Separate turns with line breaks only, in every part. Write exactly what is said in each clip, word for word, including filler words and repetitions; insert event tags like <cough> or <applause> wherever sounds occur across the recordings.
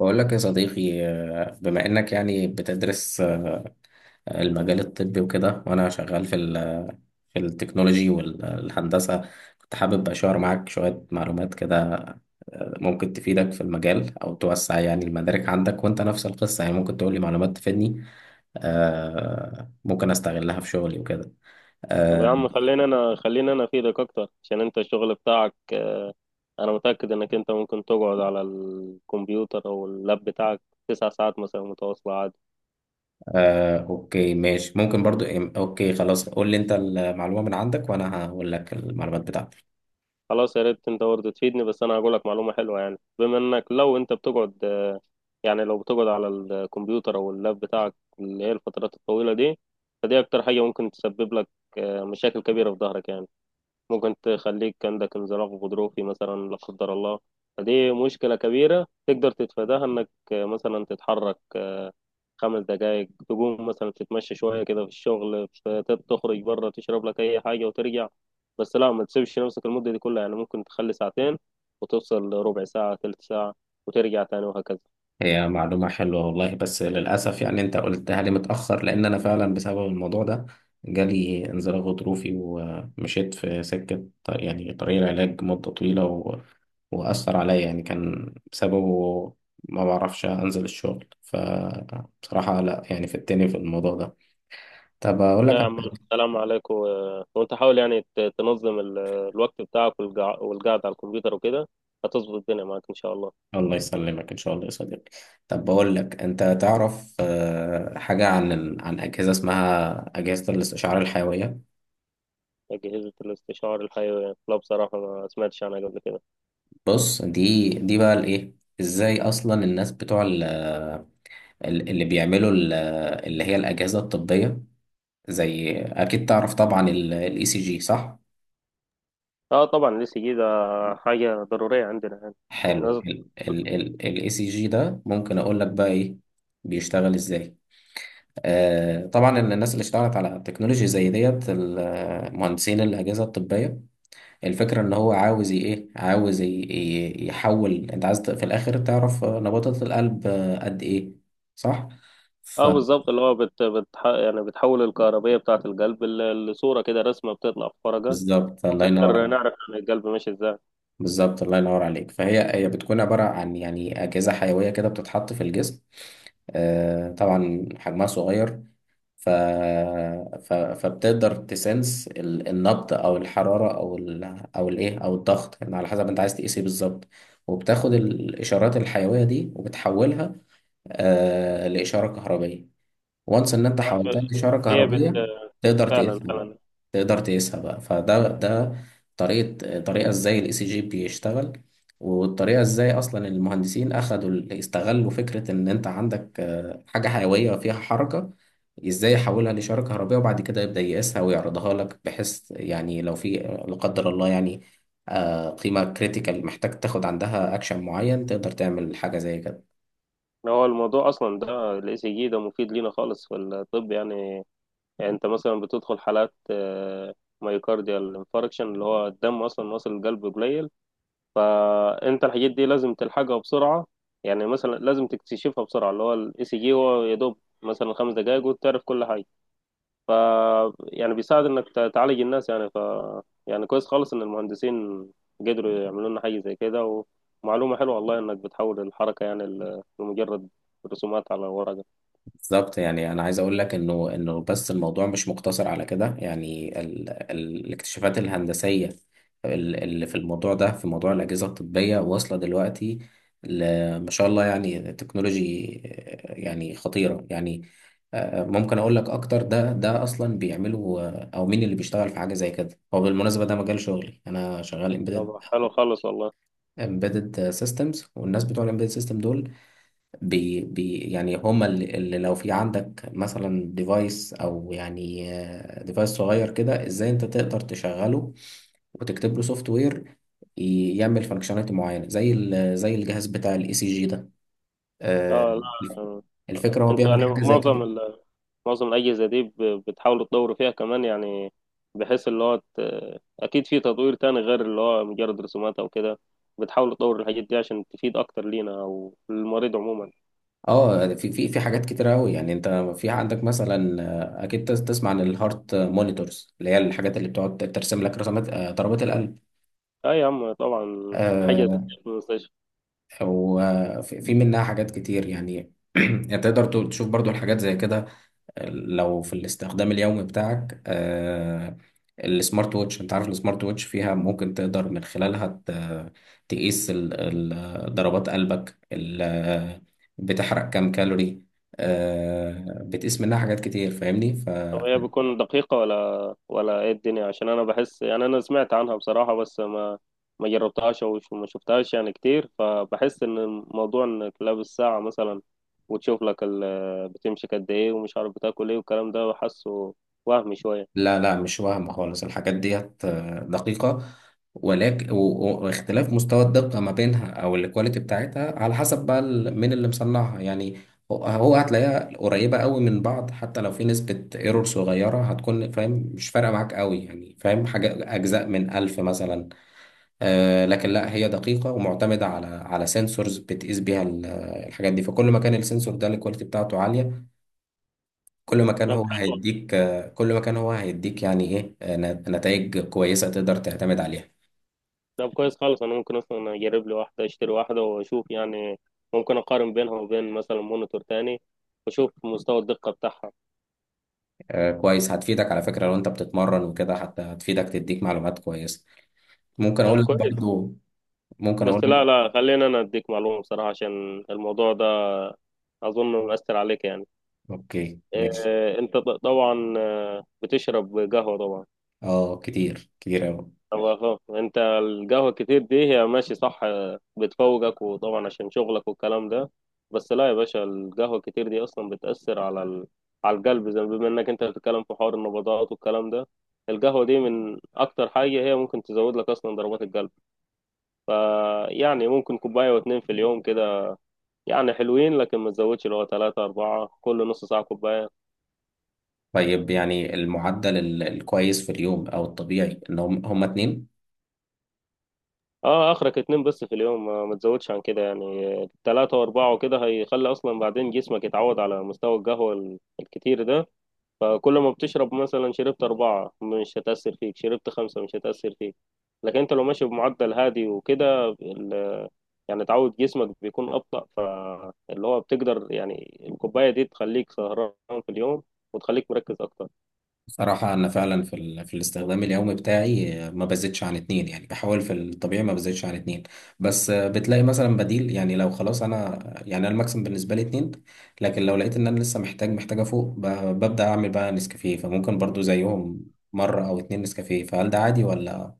بقول لك يا صديقي، آه، بما انك يعني بتدرس آه، المجال الطبي وكده، وانا شغال في ال- في التكنولوجي والهندسة. كنت حابب اشار معاك شوية معلومات كده، آه، ممكن تفيدك في المجال او توسع يعني المدارك عندك، وانت نفس القصة يعني ممكن تقول لي معلومات تفيدني، آه، ممكن استغلها في شغلي وكده.
طب
آه،
يا عم، خلينا انا خلينا انا افيدك اكتر عشان انت الشغل بتاعك، آه، انا متأكد انك انت ممكن تقعد على الكمبيوتر او اللاب بتاعك تسع ساعات مثلا متواصلة عادي.
آه، اوكي ماشي ممكن برضو. اوكي خلاص، قول لي انت المعلومة من عندك وانا هقول لك المعلومات بتاعتي.
خلاص، يا ريت انت برضه تفيدني، بس انا هقول لك معلومة حلوة. يعني بما انك لو انت بتقعد، آه، يعني لو بتقعد على الكمبيوتر او اللاب بتاعك اللي هي الفترات الطويلة دي، فدي اكتر حاجة ممكن تسبب لك آه، مشاكل كبيرة في ظهرك يعني. ممكن تخليك عندك انزلاق غضروفي مثلا لا قدر الله. فدي مشكلة كبيرة تقدر تتفاداها، انك مثلا تتحرك خمس دقايق، تقوم مثلا تتمشى شوية كده في الشغل، ت- تخرج بره تشرب لك أي حاجة وترجع. بس لا، ما تسيبش نفسك المدة دي كلها. يعني ممكن تخلي ساعتين وتوصل ربع ساعة، تلت ساعة، وترجع تاني وهكذا.
هي معلومة حلوة والله، بس للأسف يعني أنت قلتها لي متأخر، لأن أنا فعلا بسبب الموضوع ده جالي انزلاق غضروفي، ومشيت في سكة ط- يعني طريق العلاج مدة طويلة، و... وأثر عليا، يعني كان بسببه ما بعرفش أنزل الشغل، فبصراحة لا، يعني فتني في الموضوع ده. طب أقول
لا يا
لك،
عم، السلام عليكم. و- وانت حاول يعني ت- تنظم ال- الوقت بتاعك والقع- والقعدة على الكمبيوتر وكده. هتظبط الدنيا معاك إن شاء الله.
الله يسلمك إن شاء الله يا صديقي. طب بقول لك، أنت تعرف آه، حاجة عن عن أجهزة اسمها أجهزة الاستشعار الحيوية؟
أجهزة الاستشعار الحيوي، لا بصراحة ما سمعتش عنها قبل كده.
بص، دي دي بقى الايه، ازاي اصلا الناس بتوع ال- ال- اللي بيعملوا ال- اللي هي الاجهزه الطبيه، زي اكيد تعرف طبعا الاي سي جي، صح؟
اه طبعا، لسه جي ده حاجة ضرورية عندنا يعني، او
حلو.
نازل.
الاي سي جي ده ممكن اقول لك بقى ايه، بيشتغل ازاي. آه طبعا، إن الناس اللي اشتغلت على تكنولوجي زي ديت، ال- مهندسين الاجهزه الطبيه، الفكرة ان هو عاوز ي- ايه عاوز ي- ي- يحول، انت عايز ت- في الاخر تعرف آه، نبضات القلب آه، قد ايه، صح؟
اه بالظبط، اللي هو بت بتح... يعني بتحول الكهربية بتاعة القلب ل- لصورة كده، رسمة بتطلع في فرجة،
فبالظبط، الله ينور
نقدر
عليك.
نعرف عن القلب ماشي ازاي.
بالظبط الله ينور عليك، فهي هي بتكون عبارة عن يعني أجهزة حيوية كده بتتحط في الجسم، آه، طبعا حجمها صغير. ف... ف... فبتقدر تسنس ال- النبض او الحراره او ال... او الايه او الضغط، يعني على حسب انت عايز تقيس ايه بالظبط، وبتاخد الاشارات الحيويه دي وبتحولها آه لإشارة كهربية. وانس إن أنت
عارف.
حولتها لإشارة
هي بت...
كهربية، تقدر
فعلا
تقيسها بقى.
فعلا.
تقدر تقيسها بقى، فده ده طريقة طريقة إزاي الإي سي جي بيشتغل، والطريقة إزاي أصلا المهندسين أخدوا ال- استغلوا فكرة إن أنت عندك آه، حاجة حيوية فيها حركة، إزاي يحولها لإشارة كهربية، وبعد كده يبدأ يقيسها ويعرضها لك، بحيث يعني لو في لا قدر الله يعني آه، قيمة كريتيكال محتاج تاخد عندها أكشن معين، تقدر تعمل حاجة زي كده.
هو الموضوع اصلا ده الاي سي جي ده مفيد لينا خالص في الطب يعني. يعني انت مثلا بتدخل حالات، آه، مايوكارديال انفاركشن، اللي هو الدم اصلا واصل القلب قليل، فانت الحاجات دي لازم تلحقها بسرعه. يعني مثلا لازم تكتشفها بسرعه، اللي هو الاي سي جي هو يا دوب مثلا خمس دقائق وتعرف كل حاجه. ف يعني بيساعد انك ت- تعالج الناس يعني. ف يعني كويس خالص ان المهندسين قدروا يعملوا لنا حاجه زي كده. ومعلومه حلوه والله، انك بتحول الحركه يعني ل- لمجرد رسومات على ورقه.
بالظبط، يعني انا عايز اقول لك انه انه بس الموضوع مش مقتصر على كده، يعني ال ال الاكتشافات الهندسيه ال- اللي في الموضوع ده، في موضوع الاجهزه الطبيه، واصله دلوقتي ل- ما شاء الله، يعني تكنولوجي آه، يعني خطيره يعني. آه، ممكن اقول لك اكتر، ده ده اصلا بيعملوا آه، او مين اللي بيشتغل في حاجه زي كده. هو بالمناسبه ده مجال شغلي، انا شغال امبيدد
طب حلو خالص والله.
امبيدد سيستمز. والناس بتوع الامبيدد سيستم دول، بي بي يعني هما اللي، اللي لو في عندك مثلا ديفايس او يعني ديفايس صغير كده، ازاي انت تقدر تشغله وتكتب له سوفت وير يعمل فانكشناليتي معينه، زي ال- زي الجهاز بتاع الاي سي جي ده.
اه
آه،
لا. آه.
الفكره هو
انتوا
بيعمل
يعني
حاجه زي
معظم
كده.
ال- معظم الأجهزة دي ب- بتحاول تطور فيها كمان يعني، بحيث اللي هو ت- أكيد في تطوير تاني غير اللي هو مجرد رسومات أو كده. بتحاول تطور الحاجات دي عشان تفيد أكتر لينا أو المريض عموما.
اه في في في حاجات كتير قوي، يعني انت في عندك مثلا آه، اكيد تس- تسمع عن الهارت مونيتورز، اللي هي الحاجات اللي بتقعد ترسم لك رسمات آه، ضربات القلب.
أي يا عم، طبعا، حاجة زي كده
آه،
في المستشفى.
وفي في منها حاجات كتير، يعني <clears throat> يعني تقدر تو- تشوف برضو الحاجات زي كده لو في الاستخدام اليومي بتاعك. آه، السمارت ووتش، انت عارف السمارت ووتش فيها ممكن تقدر من خلالها ت- تقيس ال- ال- ضربات قلبك، ال- بتحرق كام كالوري، آه، بتقيس منها حاجات كتير، فاهمني.
طب هي بتكون دقيقة ولا ولا ايه الدنيا؟ عشان انا بحس يعني، انا سمعت عنها بصراحة بس ما ما جربتهاش او ش- ما شفتهاش يعني كتير، فبحس ان الموضوع انك لابس ساعة مثلا وتشوف لك ال- بتمشي قد ايه، ومش عارف بتاكل ايه والكلام ده، حاسه وهمي شوية.
لا، لا، مش وهم خالص، الحاجات ديت آه، دقيقة، ولكن و- و- واختلاف مستوى الدقة ما بينها أو الكواليتي بتاعتها على حسب بقى ال- مين اللي مصنعها، يعني هو هو هتلاقيها قريبة قوي من بعض، حتى لو في نسبة ايرور صغيرة هتكون، فاهم، مش فارقة معاك قوي يعني، فاهم، حاجة أجزاء من ألف مثلا. آه لكن لا، هي دقيقة ومعتمدة على على سنسورز بتقيس بيها ال- الحاجات دي، فكل ما كان السنسور ده الكواليتي بتاعته عالية، كل ما كان
طب
هو
حلو.
هيديك، آه، كل ما كان هو هيديك يعني ايه، نتائج كويسة تقدر تعتمد عليها.
طب كويس خالص، انا ممكن اصلا اجرب لي واحدة، اشتري واحدة واشوف يعني. ممكن اقارن بينها وبين مثلا مونيتور تاني واشوف مستوى الدقة بتاعها.
آه، كويس، هتفيدك على فكرة لو انت بتتمرن وكده، حتى هتفيدك تديك معلومات كويسة. ممكن
يعني
اقول لك
كويس.
برضو، ممكن اقول
بس
لك.
لا، لا، خلينا انا اديك معلومه بصراحه، عشان الموضوع ده اظن مأثر عليك يعني.
اوكي ماشي.
إيه، انت ط- طبعا، آه، بتشرب قهوه طبعا؟
اه، كتير كتير اوي.
طب خلاص، انت القهوه كتير دي هي ماشي صح، آه، بتفوقك وطبعا عشان شغلك والكلام ده. بس لا يا باشا، القهوه كتير دي اصلا بتأثر على ال... على القلب، زي بما انك انت بتتكلم في حوار النبضات والكلام ده. القهوه دي من اكتر حاجه هي ممكن تزود لك اصلا ضربات القلب. فيعني ممكن كوبايه واتنين في اليوم كده، يعني حلوين، لكن ما تزودش اللي هو ثلاثة أربعة كل نص ساعة كوباية.
طيب، يعني المعدل ال- الكويس في اليوم او الطبيعي ان هم هم اتنين.
اه، آخرك اتنين بس في اليوم، ما ما تزودش عن كده. يعني ثلاثة وأربعة وكده هيخلي أصلا بعدين جسمك يتعود على مستوى القهوة ال- الكتير ده. فكل ما بتشرب مثلا، شربت أربعة مش هتأثر فيك، شربت خمسة مش هتأثر فيك. لكن انت لو ماشي بمعدل هادي وكده ال- يعني تعود جسمك بيكون أبطأ، فاللي هو بتقدر يعني الكوباية دي تخليك سهران في اليوم وتخليك مركز أكتر.
صراحة أنا فعلا في, ال... في الاستخدام اليومي بتاعي آه، ما بزيدش عن اتنين، يعني بحاول في الطبيعي ما بزيدش عن اتنين. بس آه، بتلاقي مثلا بديل، يعني لو خلاص أنا، يعني أنا الماكسيم بالنسبة لي اتنين. لكن لو لقيت إن أنا لسه محتاج محتاجة فوق، ب... ببدأ أعمل بقى نسكافيه، فممكن برضو زيهم مرة أو اتنين نسكافيه، فهل ده عادي ولا؟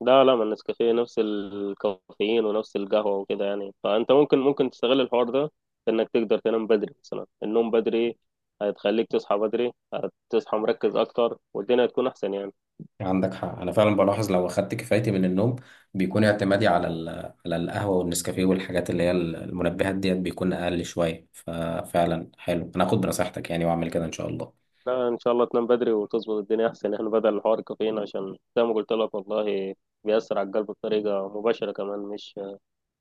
لا، لا، ما النسكافيه نفس الكافيين ونفس القهوة وكده يعني. فأنت ممكن ممكن تستغل الحوار ده في إنك تقدر تنام بدري، مثلا النوم بدري هتخليك تصحى بدري، هتصحى مركز أكتر والدنيا هتكون أحسن يعني.
عندك حق، انا فعلا بلاحظ لو اخدت كفايتي من النوم بيكون اعتمادي على ال- على القهوه والنسكافيه والحاجات اللي هي المنبهات ديت بيكون اقل شويه، ففعلا حلو، انا هاخد بنصيحتك يعني واعمل كده ان شاء الله.
لا، إن شاء الله تنام بدري وتظبط الدنيا أحسن يعني، بدل الحوار الكافيين، عشان زي ما قلت لك والله بيأثر على القلب بطريقة مباشرة كمان، مش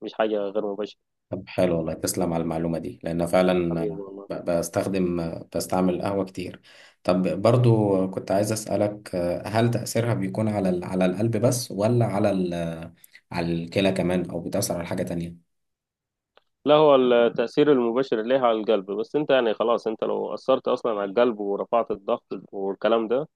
مش حاجة غير مباشرة.
طب حلو والله، تسلم على المعلومه دي لان فعلا
حبيبي والله.
ب- بستخدم بستعمل قهوه كتير. طب برضو كنت عايز اسالك، هل تاثيرها بيكون على ال- على القلب بس، ولا على ال- على الكلى كمان، او بتاثر على حاجه تانية؟
لا، هو التأثير المباشر ليه على القلب بس. أنت يعني خلاص أنت لو أثرت أصلا على القلب ورفعت الضغط والكلام ده،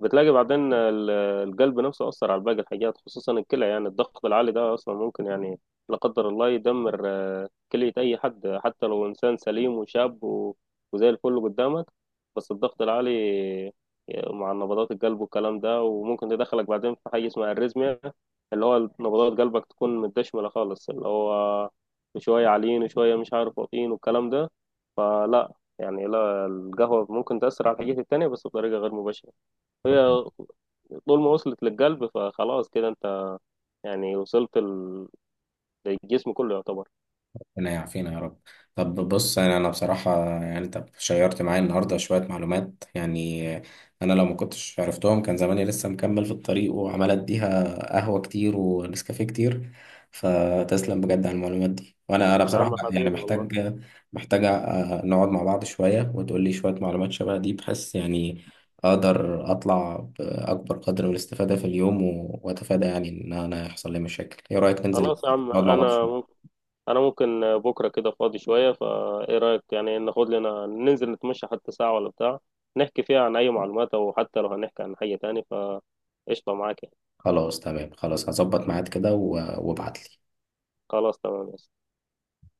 بتلاقي بعدين ال- القلب نفسه أثر على باقي الحاجات خصوصا الكلى. يعني الضغط العالي ده أصلا ممكن يعني لا قدر الله يدمر، آه، كلية أي حد، حتى لو إنسان سليم وشاب و- وزي الفل قدامك. بس الضغط العالي، آه، مع نبضات القلب والكلام ده، وممكن يدخلك بعدين في حاجة اسمها الريزميا، اللي هو نبضات قلبك تكون متدشملة خالص، اللي هو شوية عاليين وشوية مش عارف واطيين والكلام ده. فلا، يعني لا، القهوة ممكن تأثر على الحاجات التانية بس بطريقة غير مباشرة. هي طول ما وصلت للقلب فخلاص كده انت يعني وصلت ال- للجسم كله يعتبر.
ربنا يعافينا يا رب. طب بص، انا أنا بصراحه يعني انت شيرت معايا النهارده شويه معلومات، يعني انا لو ما كنتش عرفتهم كان زماني لسه مكمل في الطريق وعمال اديها قهوه كتير ونسكافيه كتير، فتسلم بجد على المعلومات دي. وانا انا
يا
بصراحه
عم،
يعني
حبيبي
محتاج،
والله.
محتاج آه، نقعد مع بعض شويه وتقول لي شويه معلومات شبه دي، بحيث يعني اقدر اطلع باكبر قدر من الاستفاده في اليوم، و- واتفادى يعني ان انا يحصل لي مشاكل. ايه رايك ننزل
خلاص يا عم.
نقعد مع بعض
انا
شويه؟
ممكن انا ممكن بكره كده فاضي شويه، فايه رايك يعني ناخد لنا، ننزل نتمشى حتى ساعه ولا بتاع، نحكي فيها عن اي معلومات، او حتى لو هنحكي عن حاجه تاني فقشطه معاك يعني.
خلاص تمام، خلاص هظبط ميعاد كده، و- وابعتلي.
خلاص تمام.